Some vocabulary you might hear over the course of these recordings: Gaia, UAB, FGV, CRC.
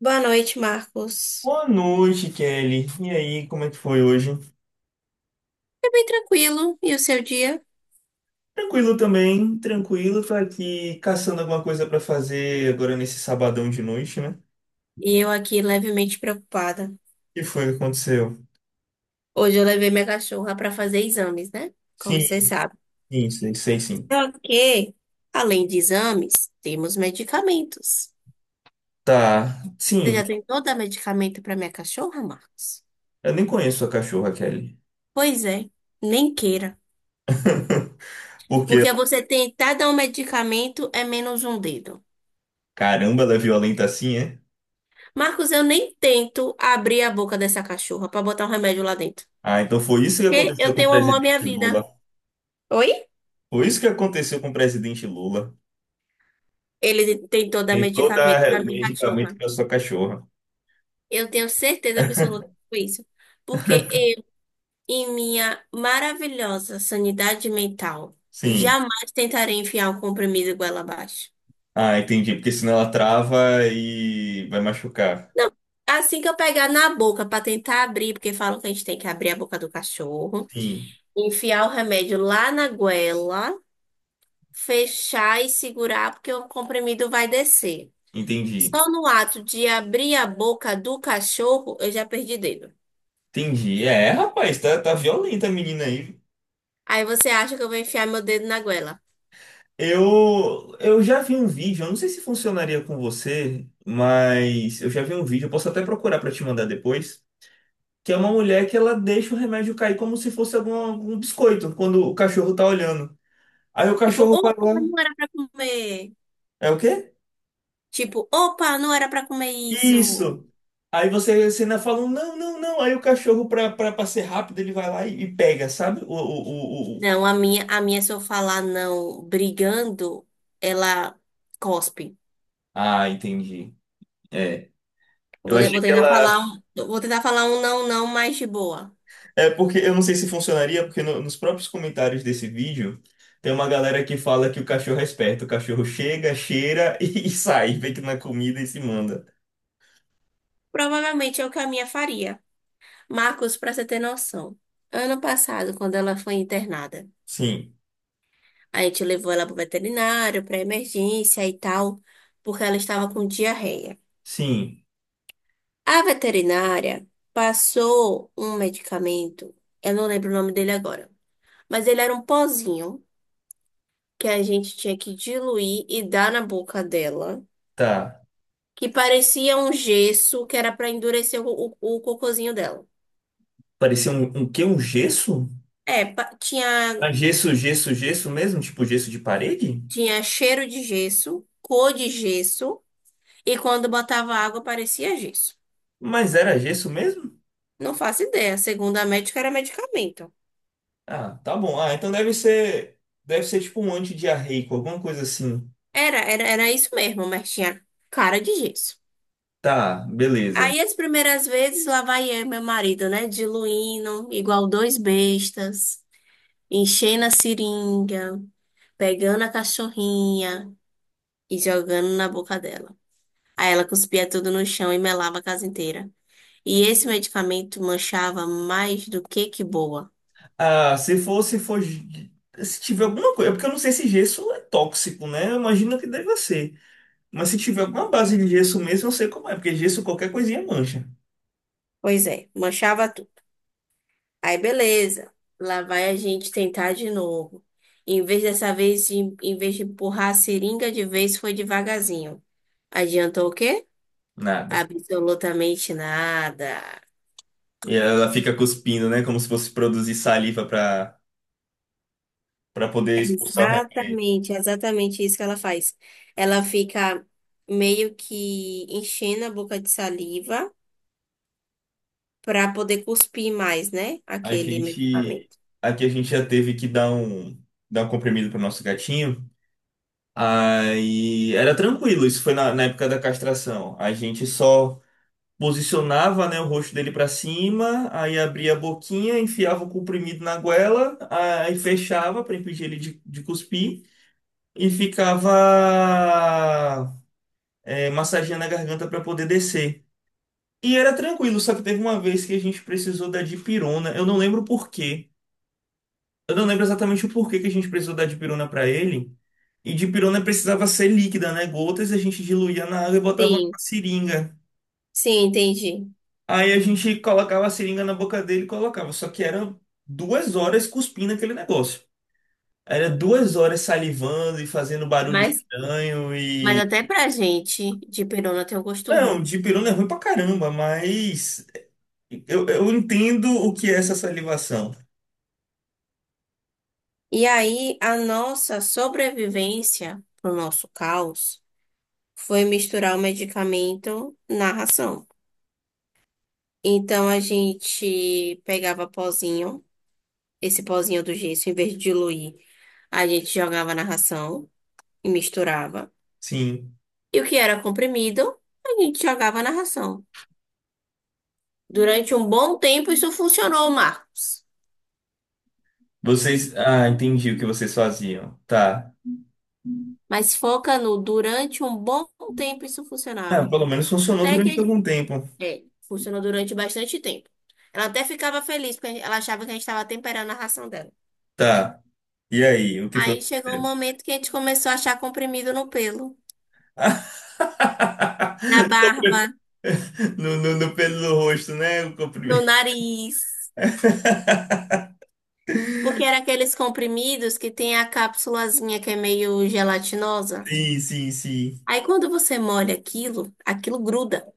Boa noite, Marcos. Boa noite, Kelly. E aí, como é que foi hoje? Foi bem tranquilo, e o seu dia? Tranquilo também, tranquilo. Tô aqui caçando alguma coisa pra fazer agora nesse sabadão de noite, né? O E eu aqui levemente preocupada. que foi que aconteceu? Hoje eu levei minha cachorra para fazer exames, né? Como você Sim, sabe. sim, sei, sei sim. Só que, além de exames, temos medicamentos. Tá, Você sim. já tentou dar medicamento para minha cachorra, Marcos? Eu nem conheço a cachorra, Kelly. Pois é, nem queira. Porque, Porque você tentar dar um medicamento é menos um dedo. caramba, ela é violenta assim, é? Marcos, eu nem tento abrir a boca dessa cachorra para botar um remédio lá dentro. Ah, então foi isso que Porque aconteceu eu com o tenho amor à minha presidente Lula. vida. Oi? Foi isso que aconteceu com o presidente Lula. Ele tentou dar Tentou medicamento dar para minha medicamento cachorra. pra sua cachorra. Eu tenho certeza absoluta disso. Porque eu, em minha maravilhosa sanidade mental, Sim. jamais tentarei enfiar um comprimido goela abaixo. Ah, entendi. Porque senão ela trava e vai machucar. Não, assim que eu pegar na boca para tentar abrir, porque falam que a gente tem que abrir a boca do cachorro, Sim, enfiar o remédio lá na goela, fechar e segurar, porque o comprimido vai descer. entendi. Só no ato de abrir a boca do cachorro, eu já perdi dedo. Entendi. É, rapaz, tá, tá violenta a menina aí. Aí você acha que eu vou enfiar meu dedo na goela. Eu já vi um vídeo, eu não sei se funcionaria com você, mas eu já vi um vídeo, eu posso até procurar pra te mandar depois, que é uma mulher que ela deixa o remédio cair como se fosse algum biscoito, quando o cachorro tá olhando. Aí o Tipo, cachorro opa, vai lá. não era pra comer. É o quê? Tipo, opa, não era pra comer isso. Isso. Aí você ainda fala, não, não, não. Aí o cachorro, pra ser rápido, ele vai lá e pega, sabe? Não, a minha, se eu falar não brigando, ela cospe. Ah, entendi. É. Eu Eu achei vou que tentar ela. falar um, eu vou tentar falar um não, não mais de boa. É porque eu não sei se funcionaria, porque nos próprios comentários desse vídeo tem uma galera que fala que o cachorro é esperto. O cachorro chega, cheira sai, vê que na comida e se manda. Provavelmente é o que a minha faria. Marcos, pra você ter noção, ano passado, quando ela foi internada, Sim, a gente levou ela pro veterinário, pra emergência e tal, porque ela estava com diarreia. sim, A veterinária passou um medicamento, eu não lembro o nome dele agora, mas ele era um pozinho que a gente tinha que diluir e dar na boca dela, tá. que parecia um gesso que era para endurecer o cocôzinho dela. Parecia um, um quê? Um gesso? É, tinha, Ah, gesso, gesso, gesso mesmo? Tipo gesso de parede? tinha cheiro de gesso, cor de gesso, e quando botava água parecia gesso. Mas era gesso mesmo? Não faço ideia, segundo a médica era medicamento. Ah, tá bom. Ah, então deve ser tipo um antidiarreico, alguma coisa assim. Era isso mesmo, mas tinha cara de gesso. Tá, beleza. Aí as primeiras vezes lá vai eu, e meu marido, né? Diluindo, igual dois bestas, enchendo a seringa, pegando a cachorrinha e jogando na boca dela. Aí ela cuspia tudo no chão e melava a casa inteira. E esse medicamento manchava mais do que boa. Ah, se for, se tiver alguma coisa, porque eu não sei se gesso é tóxico, né? Eu imagino que deve ser. Mas se tiver alguma base de gesso mesmo, eu sei como é, porque gesso qualquer coisinha mancha. Pois é, manchava tudo. Aí beleza, lá vai a gente tentar de novo. Em vez dessa vez, em vez de empurrar a seringa de vez, foi devagarzinho. Adiantou o quê? Nada. Absolutamente nada. E ela fica cuspindo, né? Como se fosse produzir saliva para para poder expulsar o remédio. É exatamente isso que ela faz. Ela fica meio que enchendo a boca de saliva para poder cuspir mais, né? A Aquele gente, medicamento. aqui a gente já teve que dar dar um comprimido para nosso gatinho. Aí era tranquilo, isso foi na época da castração. A gente só posicionava, né, o rosto dele para cima, aí abria a boquinha, enfiava o comprimido na goela, aí fechava para impedir ele de cuspir e ficava massageando a garganta para poder descer. E era tranquilo, só que teve uma vez que a gente precisou da dipirona, eu não lembro por quê. Eu não lembro exatamente o porquê que a gente precisou dar dipirona pra ele. E dipirona precisava ser líquida, né? Gotas, a gente diluía na água e botava na Sim, seringa. sim, entendi. Aí a gente colocava a seringa na boca dele e colocava. Só que eram duas horas cuspindo aquele negócio. Era duas horas salivando e fazendo barulho Mas, estranho mas e... até pra gente de perona tem um gosto ruim. Não, dipirona é ruim pra caramba, mas eu entendo o que é essa salivação. E aí, a nossa sobrevivência, pro nosso caos, foi misturar o medicamento na ração. Então a gente pegava pozinho, esse pozinho do gesso, em vez de diluir, a gente jogava na ração e misturava. Sim. E o que era comprimido, a gente jogava na ração. Durante um bom tempo isso funcionou, Marcos. Vocês... Ah, entendi o que vocês faziam. Tá. Mas foca no durante um bom tempo isso Ah, funcionava. pelo menos funcionou Até durante que algum tempo. é, funcionou durante bastante tempo. Ela até ficava feliz porque ela achava que a gente estava temperando a ração dela. Tá. E aí, o que foi Aí que chegou um aconteceu? momento que a gente começou a achar comprimido no pelo, na barba, No pelo do rosto, né? O no comprimento. nariz. Porque era aqueles comprimidos que tem a cápsulazinha que é meio gelatinosa. Sim, sim, sim. Aí quando você molha aquilo, aquilo gruda.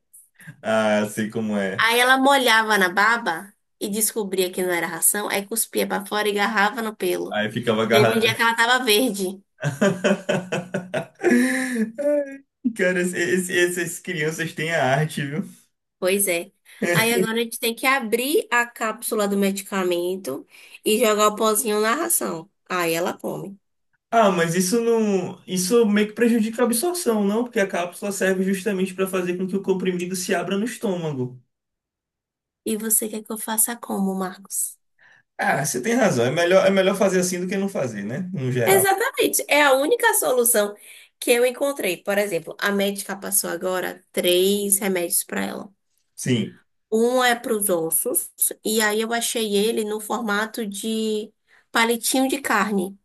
Ah, sei como é. Aí ela molhava na baba e descobria que não era ração, aí cuspia pra fora e agarrava no pelo. Aí ficava Teve um dia agarrado. que ela tava verde. Cara, essas crianças têm a arte, viu? Pois é. Aí agora a gente tem que abrir a cápsula do medicamento e jogar o pozinho na ração. Aí ela come. Ah, mas isso não, isso meio que prejudica a absorção, não? Porque a cápsula serve justamente para fazer com que o comprimido se abra no estômago. E você quer que eu faça como, Marcos? Ah, você tem razão. É melhor fazer assim do que não fazer, né? No geral. Exatamente. É a única solução que eu encontrei. Por exemplo, a médica passou agora três remédios para ela. Sim. Um é para os ossos, e aí eu achei ele no formato de palitinho de carne.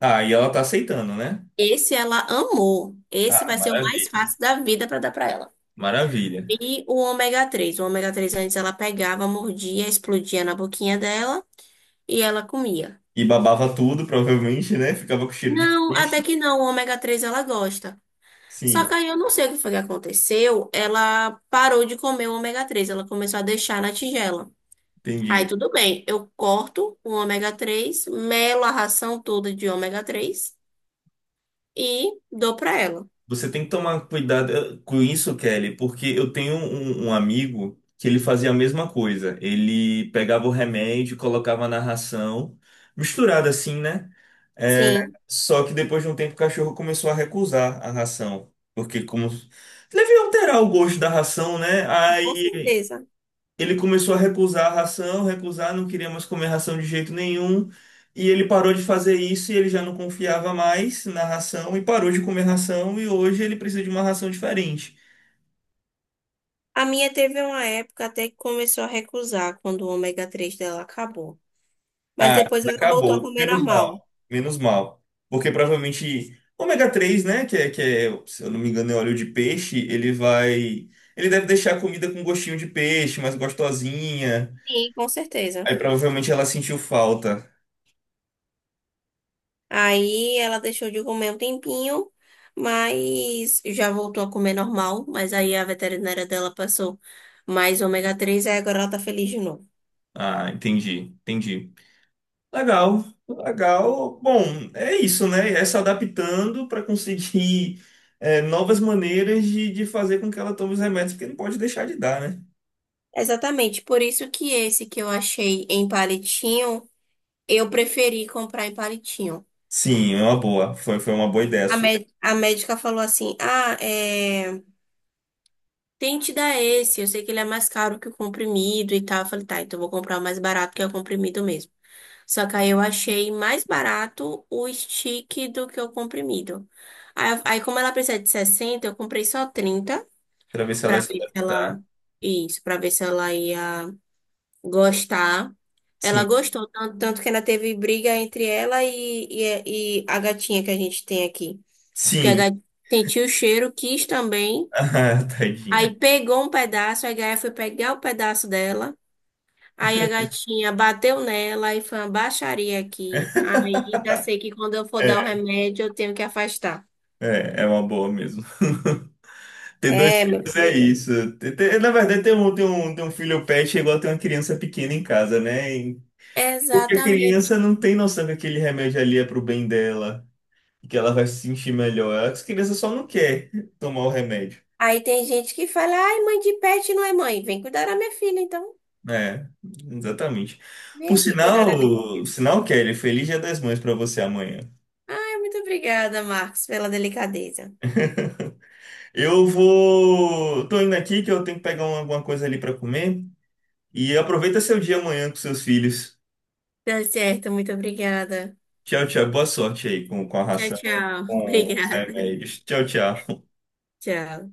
Ah, e ela tá aceitando, né? Esse ela amou. Esse Ah, vai ser o mais maravilha. fácil da vida para dar para ela. Maravilha. E o ômega 3. O ômega 3 antes ela pegava, mordia, explodia na boquinha dela e ela comia. E babava tudo, provavelmente, né? Ficava com cheiro de Não, até peixe. que não. O ômega 3 ela gosta. Só que Sim, aí eu não sei o que foi que aconteceu. Ela parou de comer o ômega três, ela começou a deixar na tigela. Aí entendi. tudo bem, eu corto o ômega 3, melo a ração toda de ômega 3 e dou pra ela. Você tem que tomar cuidado com isso, Kelly, porque eu tenho um amigo que ele fazia a mesma coisa. Ele pegava o remédio, colocava na ração, misturado assim, né? É, Sim, só que depois de um tempo o cachorro começou a recusar a ração. Porque como deve alterar o gosto da ração, né? com Aí certeza. ele começou a recusar a ração, recusar, não queria mais comer ração de jeito nenhum. E ele parou de fazer isso e ele já não confiava mais na ração e parou de comer ração. E hoje ele precisa de uma ração diferente. A minha teve uma época até que começou a recusar quando o ômega 3 dela acabou. Mas Ah, depois ela voltou a acabou. comer Menos normal. mal. Menos mal. Porque provavelmente ômega 3, né? Se eu não me engano, é óleo de peixe. Ele vai. Ele deve deixar a comida com gostinho de peixe, mais gostosinha. Sim, com certeza. Aí provavelmente ela sentiu falta. Aí ela deixou de comer um tempinho, mas já voltou a comer normal. Mas aí a veterinária dela passou mais ômega 3 aí agora ela tá feliz de novo. Ah, entendi. Entendi. Legal, legal. Bom, é isso, né? É se adaptando para conseguir novas maneiras de fazer com que ela tome os remédios, porque não pode deixar de dar, né? Exatamente, por isso que esse que eu achei em palitinho, eu preferi comprar em palitinho. Sim, é uma boa. Foi, foi uma boa ideia sua. A médica falou assim: ah, é, tente dar esse, eu sei que ele é mais caro que o comprimido e tal. Eu falei: tá, então eu vou comprar o mais barato que é o comprimido mesmo. Só que aí eu achei mais barato o stick do que o comprimido. Aí, como ela precisa de 60, eu comprei só 30 Para ver se ela pra ia se ver se ela adaptar. isso, para ver se ela ia gostar. Ela Sim, gostou tanto, tanto que ainda teve briga entre ela e a gatinha que a gente tem aqui. Porque a sim. gatinha sentiu o cheiro, quis também. Ah, tadinha. Aí pegou um pedaço, aí a Gaia foi pegar o pedaço dela. Aí a gatinha bateu nela e foi uma baixaria aqui. Aí já sei que quando eu for É, dar o remédio, eu tenho que afastar. é é uma boa mesmo. Ter dois É, meu filhos é filho. isso. Na verdade, ter um filho pet é igual ter uma criança pequena em casa, né? E- Porque a Exatamente. criança não tem noção que aquele remédio ali é pro bem dela. Que ela vai se sentir melhor. As crianças só não quer tomar o remédio. Aí tem gente que fala, ai, mãe de pet não é mãe. Vem cuidar da minha filha, então. É, exatamente. Vem aqui cuidar da minha filha. Sinal, Kelly, feliz Dia das Mães pra você amanhã. Ai, muito obrigada, Marcos, pela delicadeza. Tô indo aqui que eu tenho que pegar alguma coisa ali pra comer e aproveita seu dia amanhã com seus filhos. Tá certo, muito obrigada. Tchau, tchau. Boa sorte aí com a Tchau, ração, tchau. com os Obrigada. remédios. Tchau, tchau. Tchau.